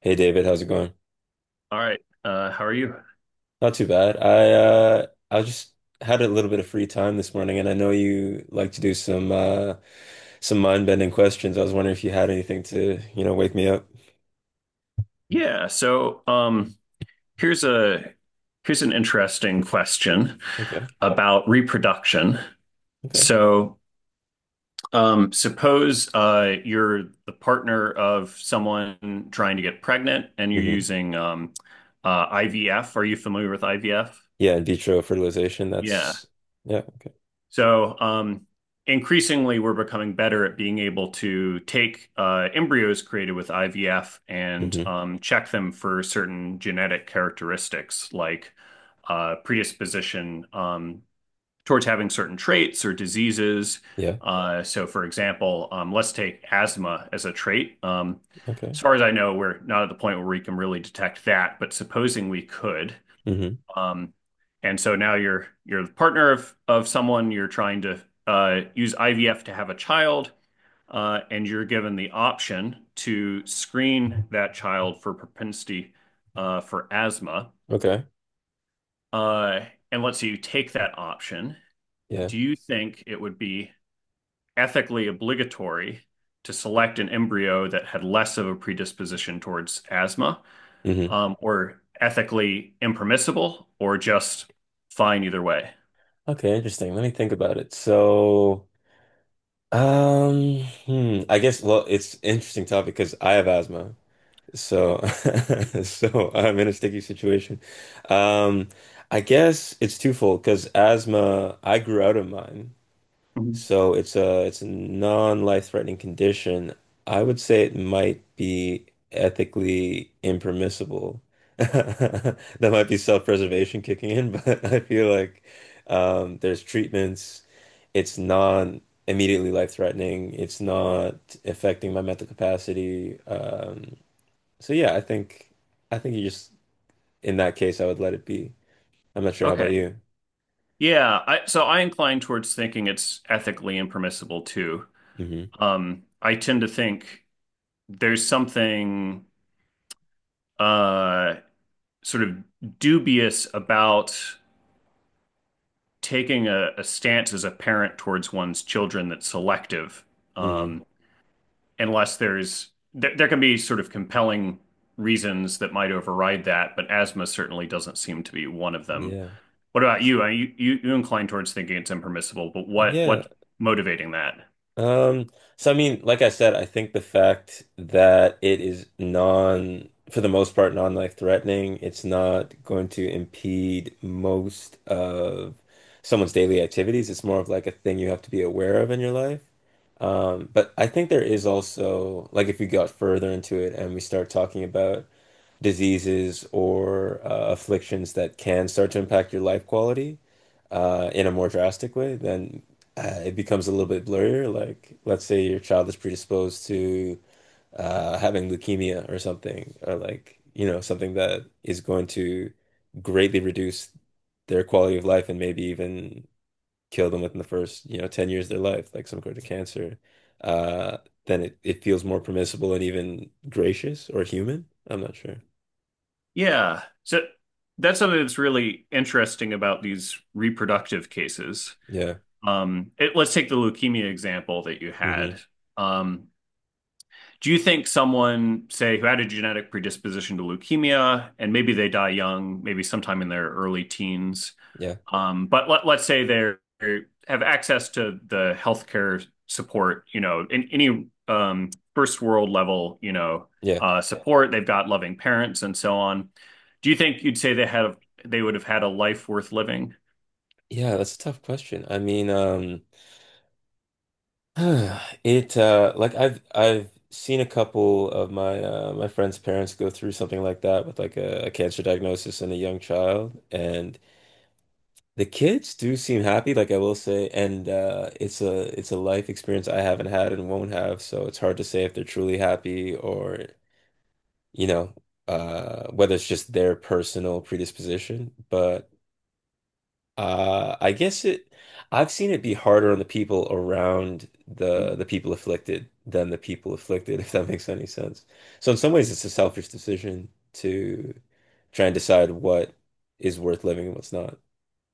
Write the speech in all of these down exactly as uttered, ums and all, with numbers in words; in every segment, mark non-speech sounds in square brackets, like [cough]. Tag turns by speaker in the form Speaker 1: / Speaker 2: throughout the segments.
Speaker 1: Hey David, how's it going?
Speaker 2: All right. Uh, how are you?
Speaker 1: Not too bad. I uh I just had a little bit of free time this morning and I know you like to do some uh some mind-bending questions. I was wondering if you had anything to, you know, wake me up.
Speaker 2: Yeah. So, um, here's a Here's an interesting question
Speaker 1: Okay.
Speaker 2: about reproduction.
Speaker 1: Okay.
Speaker 2: So, um, Suppose uh, you're the partner of someone trying to get pregnant, and you're
Speaker 1: Mm-hmm.
Speaker 2: using um, uh, I V F. Are you familiar with I V F?
Speaker 1: Yeah, in vitro fertilization,
Speaker 2: Yeah.
Speaker 1: that's yeah, okay.
Speaker 2: So um, Increasingly, we're becoming better at being able to take uh, embryos created with I V F and
Speaker 1: Mm-hmm.
Speaker 2: um, check them for certain genetic characteristics like uh, predisposition um, towards having certain traits or diseases.
Speaker 1: Yeah.
Speaker 2: Uh, So for example, um, let's take asthma as a trait. Um,
Speaker 1: Okay.
Speaker 2: As far as I know, we're not at the point where we can really detect that, but supposing we could,
Speaker 1: Mm-hmm.
Speaker 2: um, and so now you're you're the partner of of someone. You're trying to uh, use I V F to have a child, uh, and you're given the option to screen that child for propensity uh, for asthma.
Speaker 1: Okay.
Speaker 2: Uh, and let's say you take that option.
Speaker 1: Yeah.
Speaker 2: Do you think it would be ethically obligatory to select an embryo that had less of a predisposition towards asthma,
Speaker 1: Mm-hmm.
Speaker 2: um, or ethically impermissible, or just fine either way?
Speaker 1: Okay, interesting. Let me think about it. So, um, hmm, I guess well, it's an interesting topic because I have asthma. So, [laughs] so I'm in a sticky situation. Um, I guess it's twofold because asthma, I grew out of mine,
Speaker 2: Mhm.
Speaker 1: so it's a it's a non-life-threatening condition. I would say it might be ethically impermissible. [laughs] That might be self-preservation kicking in, [laughs] but I feel like um, there's treatments. It's not immediately life-threatening. It's not affecting my mental capacity. Um, so yeah, I think I think you just in that case I would let it be. I'm not sure. How about
Speaker 2: Okay.
Speaker 1: you?
Speaker 2: Yeah, I, so I incline towards thinking it's ethically impermissible too.
Speaker 1: hmm
Speaker 2: Um, I tend to think there's something uh, sort of dubious about taking a, a stance as a parent towards one's children that's selective.
Speaker 1: hmm
Speaker 2: Um, unless there's there, there can be sort of compelling reasons that might override that, but asthma certainly doesn't seem to be one of them.
Speaker 1: Yeah.
Speaker 2: What about
Speaker 1: S-
Speaker 2: you? Uh, You you, you incline towards thinking it's impermissible, but what
Speaker 1: Yeah.
Speaker 2: what motivating that?
Speaker 1: Um, so I mean, like I said, I think the fact that it is non, for the most part, non-life threatening, it's not going to impede most of someone's daily activities. It's more of like a thing you have to be aware of in your life. Um, but I think there is also like if we got further into it and we start talking about diseases or uh, afflictions that can start to impact your life quality uh, in a more drastic way, then uh, it becomes a little bit blurrier. Like, let's say your child is predisposed to uh, having leukemia or something, or like, you know, something that is going to greatly reduce their quality of life and maybe even kill them within the first, you know, ten years of their life, like some sort of cancer. Uh, then it, it feels more permissible and even gracious or human. I'm not sure.
Speaker 2: Yeah. So that's something that's really interesting about these reproductive cases.
Speaker 1: Yeah.
Speaker 2: Um, it, let's take the leukemia example that you
Speaker 1: hmm
Speaker 2: had. Um, Do you think someone, say, who had a genetic predisposition to leukemia, and maybe they die young, maybe sometime in their early teens,
Speaker 1: Yeah.
Speaker 2: um, but let, let's say they have access to the healthcare support, you know, in any um, first world level, you know,
Speaker 1: Yeah.
Speaker 2: uh, support, they've got loving parents and so on. Do you think you'd say they had they would have had a life worth living?
Speaker 1: Yeah, that's a tough question. I mean, um [sighs] it uh like I've I've seen a couple of my uh my friends' parents go through something like that with like a, a cancer diagnosis and a young child and the kids do seem happy, like I will say, and uh it's a it's a life experience I haven't had and won't have, so it's hard to say if they're truly happy or you know, uh whether it's just their personal predisposition, but Uh, I guess it, I've seen it be harder on the people around the the people afflicted than the people afflicted, [laughs] if that makes any sense. So in some ways, it's a selfish decision to try and decide what is worth living and what's not.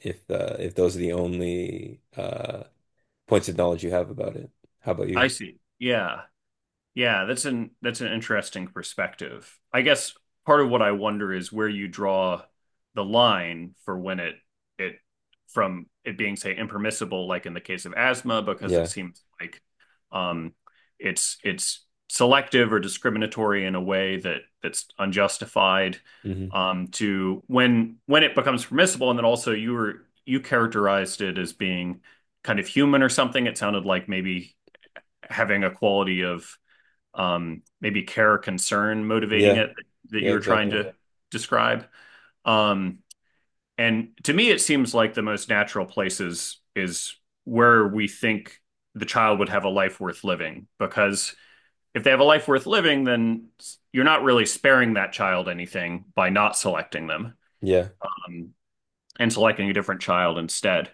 Speaker 1: If uh, if those are the only uh, points of knowledge you have about it, how about
Speaker 2: I
Speaker 1: you?
Speaker 2: see. Yeah. Yeah, that's an that's an interesting perspective. I guess part of what I wonder is where you draw the line for when it it from it being say impermissible, like in the case of asthma, because it
Speaker 1: Yeah.
Speaker 2: seems like um, it's it's selective or discriminatory in a way that that's unjustified.
Speaker 1: hmm
Speaker 2: Um, to when when it becomes permissible, and then also you were you characterized it as being kind of human or something. It sounded like maybe having a quality of um, maybe care or concern motivating
Speaker 1: Yeah.
Speaker 2: it that
Speaker 1: Yeah.
Speaker 2: you were trying
Speaker 1: Exactly.
Speaker 2: to describe. Um, And to me, it seems like the most natural places is where we think the child would have a life worth living. Because if they have a life worth living, then you're not really sparing that child anything by not selecting them
Speaker 1: Yeah.
Speaker 2: um, and selecting a different child instead.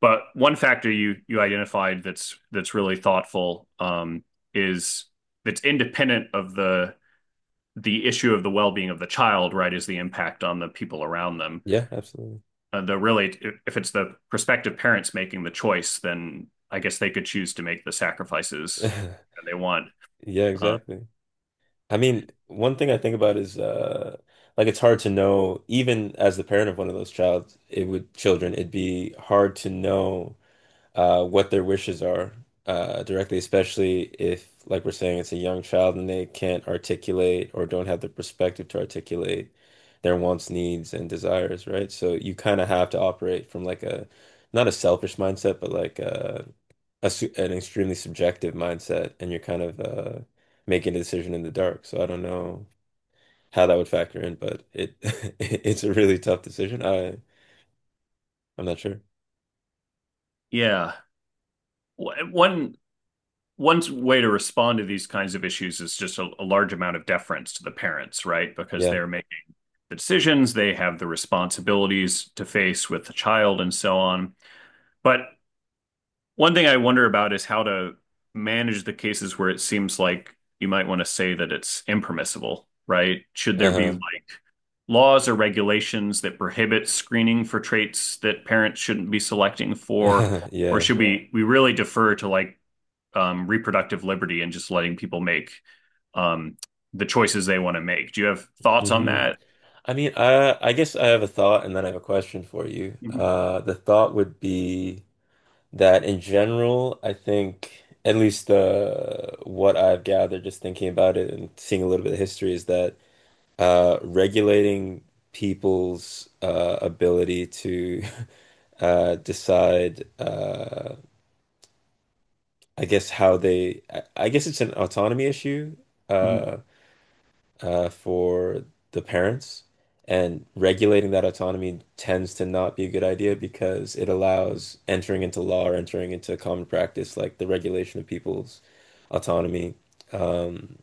Speaker 2: But one factor you you identified that's that's really thoughtful um, is that's independent of the the issue of the well-being of the child, right, is the impact on the people around them,
Speaker 1: Yeah. Absolutely.
Speaker 2: uh, the really, if it's the prospective parents making the choice, then I guess they could choose to make the sacrifices
Speaker 1: [laughs]
Speaker 2: that they want.
Speaker 1: Yeah.
Speaker 2: uh,
Speaker 1: Exactly. I mean, one thing I think about is uh like it's hard to know, even as the parent of one of those child, it would children, it'd be hard to know uh what their wishes are uh directly, especially if like we're saying it's a young child and they can't articulate or don't have the perspective to articulate their wants, needs, and desires, right? So you kind of have to operate from like a not a selfish mindset, but like uh a su an extremely subjective mindset, and you're kind of uh, making a decision in the dark. So I don't know how that would factor in, but it [laughs] it's a really tough decision. I I'm not sure.
Speaker 2: yeah one one way to respond to these kinds of issues is just a, a, large amount of deference to the parents, right? Because
Speaker 1: Yeah.
Speaker 2: they're making the decisions, they have the responsibilities to face with the child, and so on. But one thing I wonder about is how to manage the cases where it seems like you might want to say that it's impermissible, right? Should there be
Speaker 1: Uh-huh.
Speaker 2: like laws or regulations that prohibit screening for traits that parents shouldn't be selecting for,
Speaker 1: [laughs]
Speaker 2: or
Speaker 1: Yeah.
Speaker 2: should we we really defer to like um, reproductive liberty and just letting people make um, the choices they want to make? Do you have thoughts on
Speaker 1: hmm
Speaker 2: that?
Speaker 1: I mean, I I guess I have a thought and then I have a question for you.
Speaker 2: Mhm.
Speaker 1: Uh, the thought would be that in general, I think at least the what I've gathered just thinking about it and seeing a little bit of history is that uh, regulating people's uh, ability to [laughs] uh, decide, uh, I guess, how they, I, I guess it's an autonomy issue
Speaker 2: Mhm.
Speaker 1: uh, uh, for the parents. And regulating that autonomy tends to not be a good idea because it allows entering into law or entering into common practice, like the regulation of people's autonomy, um,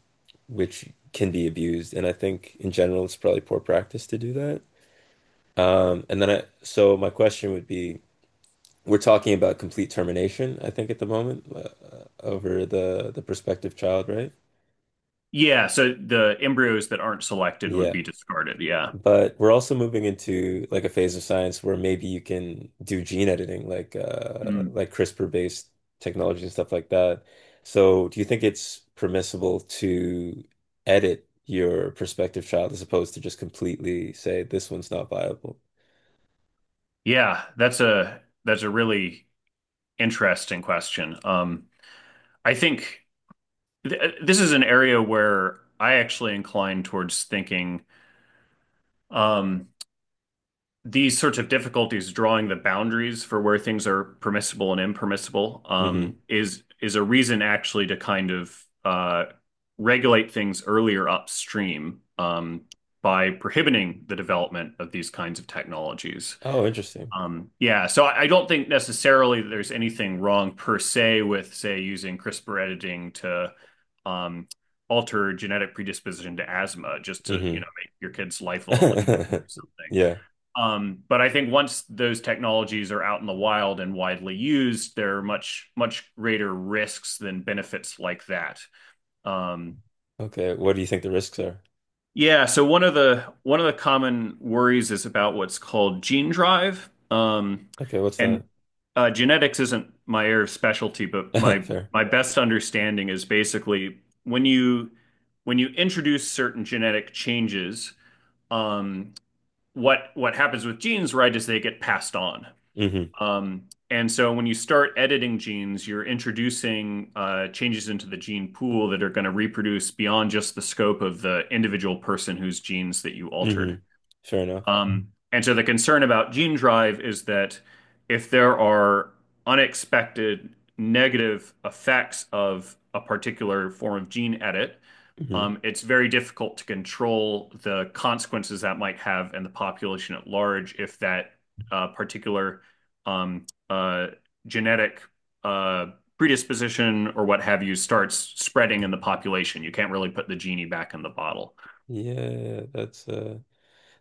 Speaker 1: which can be abused. And I think in general, it's probably poor practice to do that. Um, and then I, so my question would be, we're talking about complete termination, I think, at the moment, uh, uh, over the the prospective child, right?
Speaker 2: Yeah, so the embryos that aren't selected would
Speaker 1: Yeah.
Speaker 2: be discarded. Yeah.
Speaker 1: But we're also moving into like a phase of science where maybe you can do gene editing, like uh,
Speaker 2: Mm.
Speaker 1: like CRISPR-based technology and stuff like that. So, do you think it's permissible to edit your prospective child as opposed to just completely say this one's not viable?
Speaker 2: Yeah, that's a that's a really interesting question. Um, I think th uh, this is an area where I actually incline towards thinking um, these sorts of difficulties drawing the boundaries for where things are permissible and impermissible um,
Speaker 1: Hmm
Speaker 2: is is a reason actually to kind of uh, regulate things earlier upstream, um, by prohibiting the development of these kinds of technologies.
Speaker 1: Oh, interesting.
Speaker 2: Um, Yeah, so I I don't think necessarily that there's anything wrong per se with, say, using CRISPR editing to um, alter genetic predisposition to asthma, just to, you
Speaker 1: Hmm
Speaker 2: know, make your kid's life a little easier or
Speaker 1: [laughs]
Speaker 2: something.
Speaker 1: Yeah.
Speaker 2: Um, but I think once those technologies are out in the wild and widely used, there are much, much greater risks than benefits like that. Um,
Speaker 1: Okay, what do you think the risks are?
Speaker 2: yeah, so one of the one of the common worries is about what's called gene drive. Um,
Speaker 1: Okay, what's
Speaker 2: and
Speaker 1: that?
Speaker 2: uh, Genetics isn't my area of specialty, but
Speaker 1: [laughs]
Speaker 2: my
Speaker 1: Fair.
Speaker 2: my best understanding is basically when you when you introduce certain genetic changes, um, what what happens with genes, right, is they get passed on.
Speaker 1: Mm-hmm.
Speaker 2: Um, And so when you start editing genes, you're introducing uh, changes into the gene pool that are going to reproduce beyond just the scope of the individual person whose genes that you altered.
Speaker 1: Mm-hmm. Fair enough.
Speaker 2: Um, and so the concern about gene drive is that if there are unexpected negative effects of a particular form of gene edit,
Speaker 1: Hmm
Speaker 2: um, it's very difficult to control the consequences that might have in the population at large if that uh, particular um, uh, genetic uh, predisposition or what have you starts spreading in the population. You can't really put the genie back in the bottle.
Speaker 1: Yeah, that's uh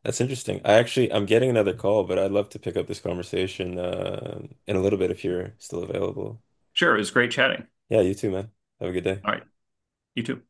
Speaker 1: that's interesting. I actually I'm getting another call, but I'd love to pick up this conversation uh in a little bit if you're still available.
Speaker 2: Sure, it was great chatting.
Speaker 1: Yeah, you too, man. Have a good day.
Speaker 2: All right, you too.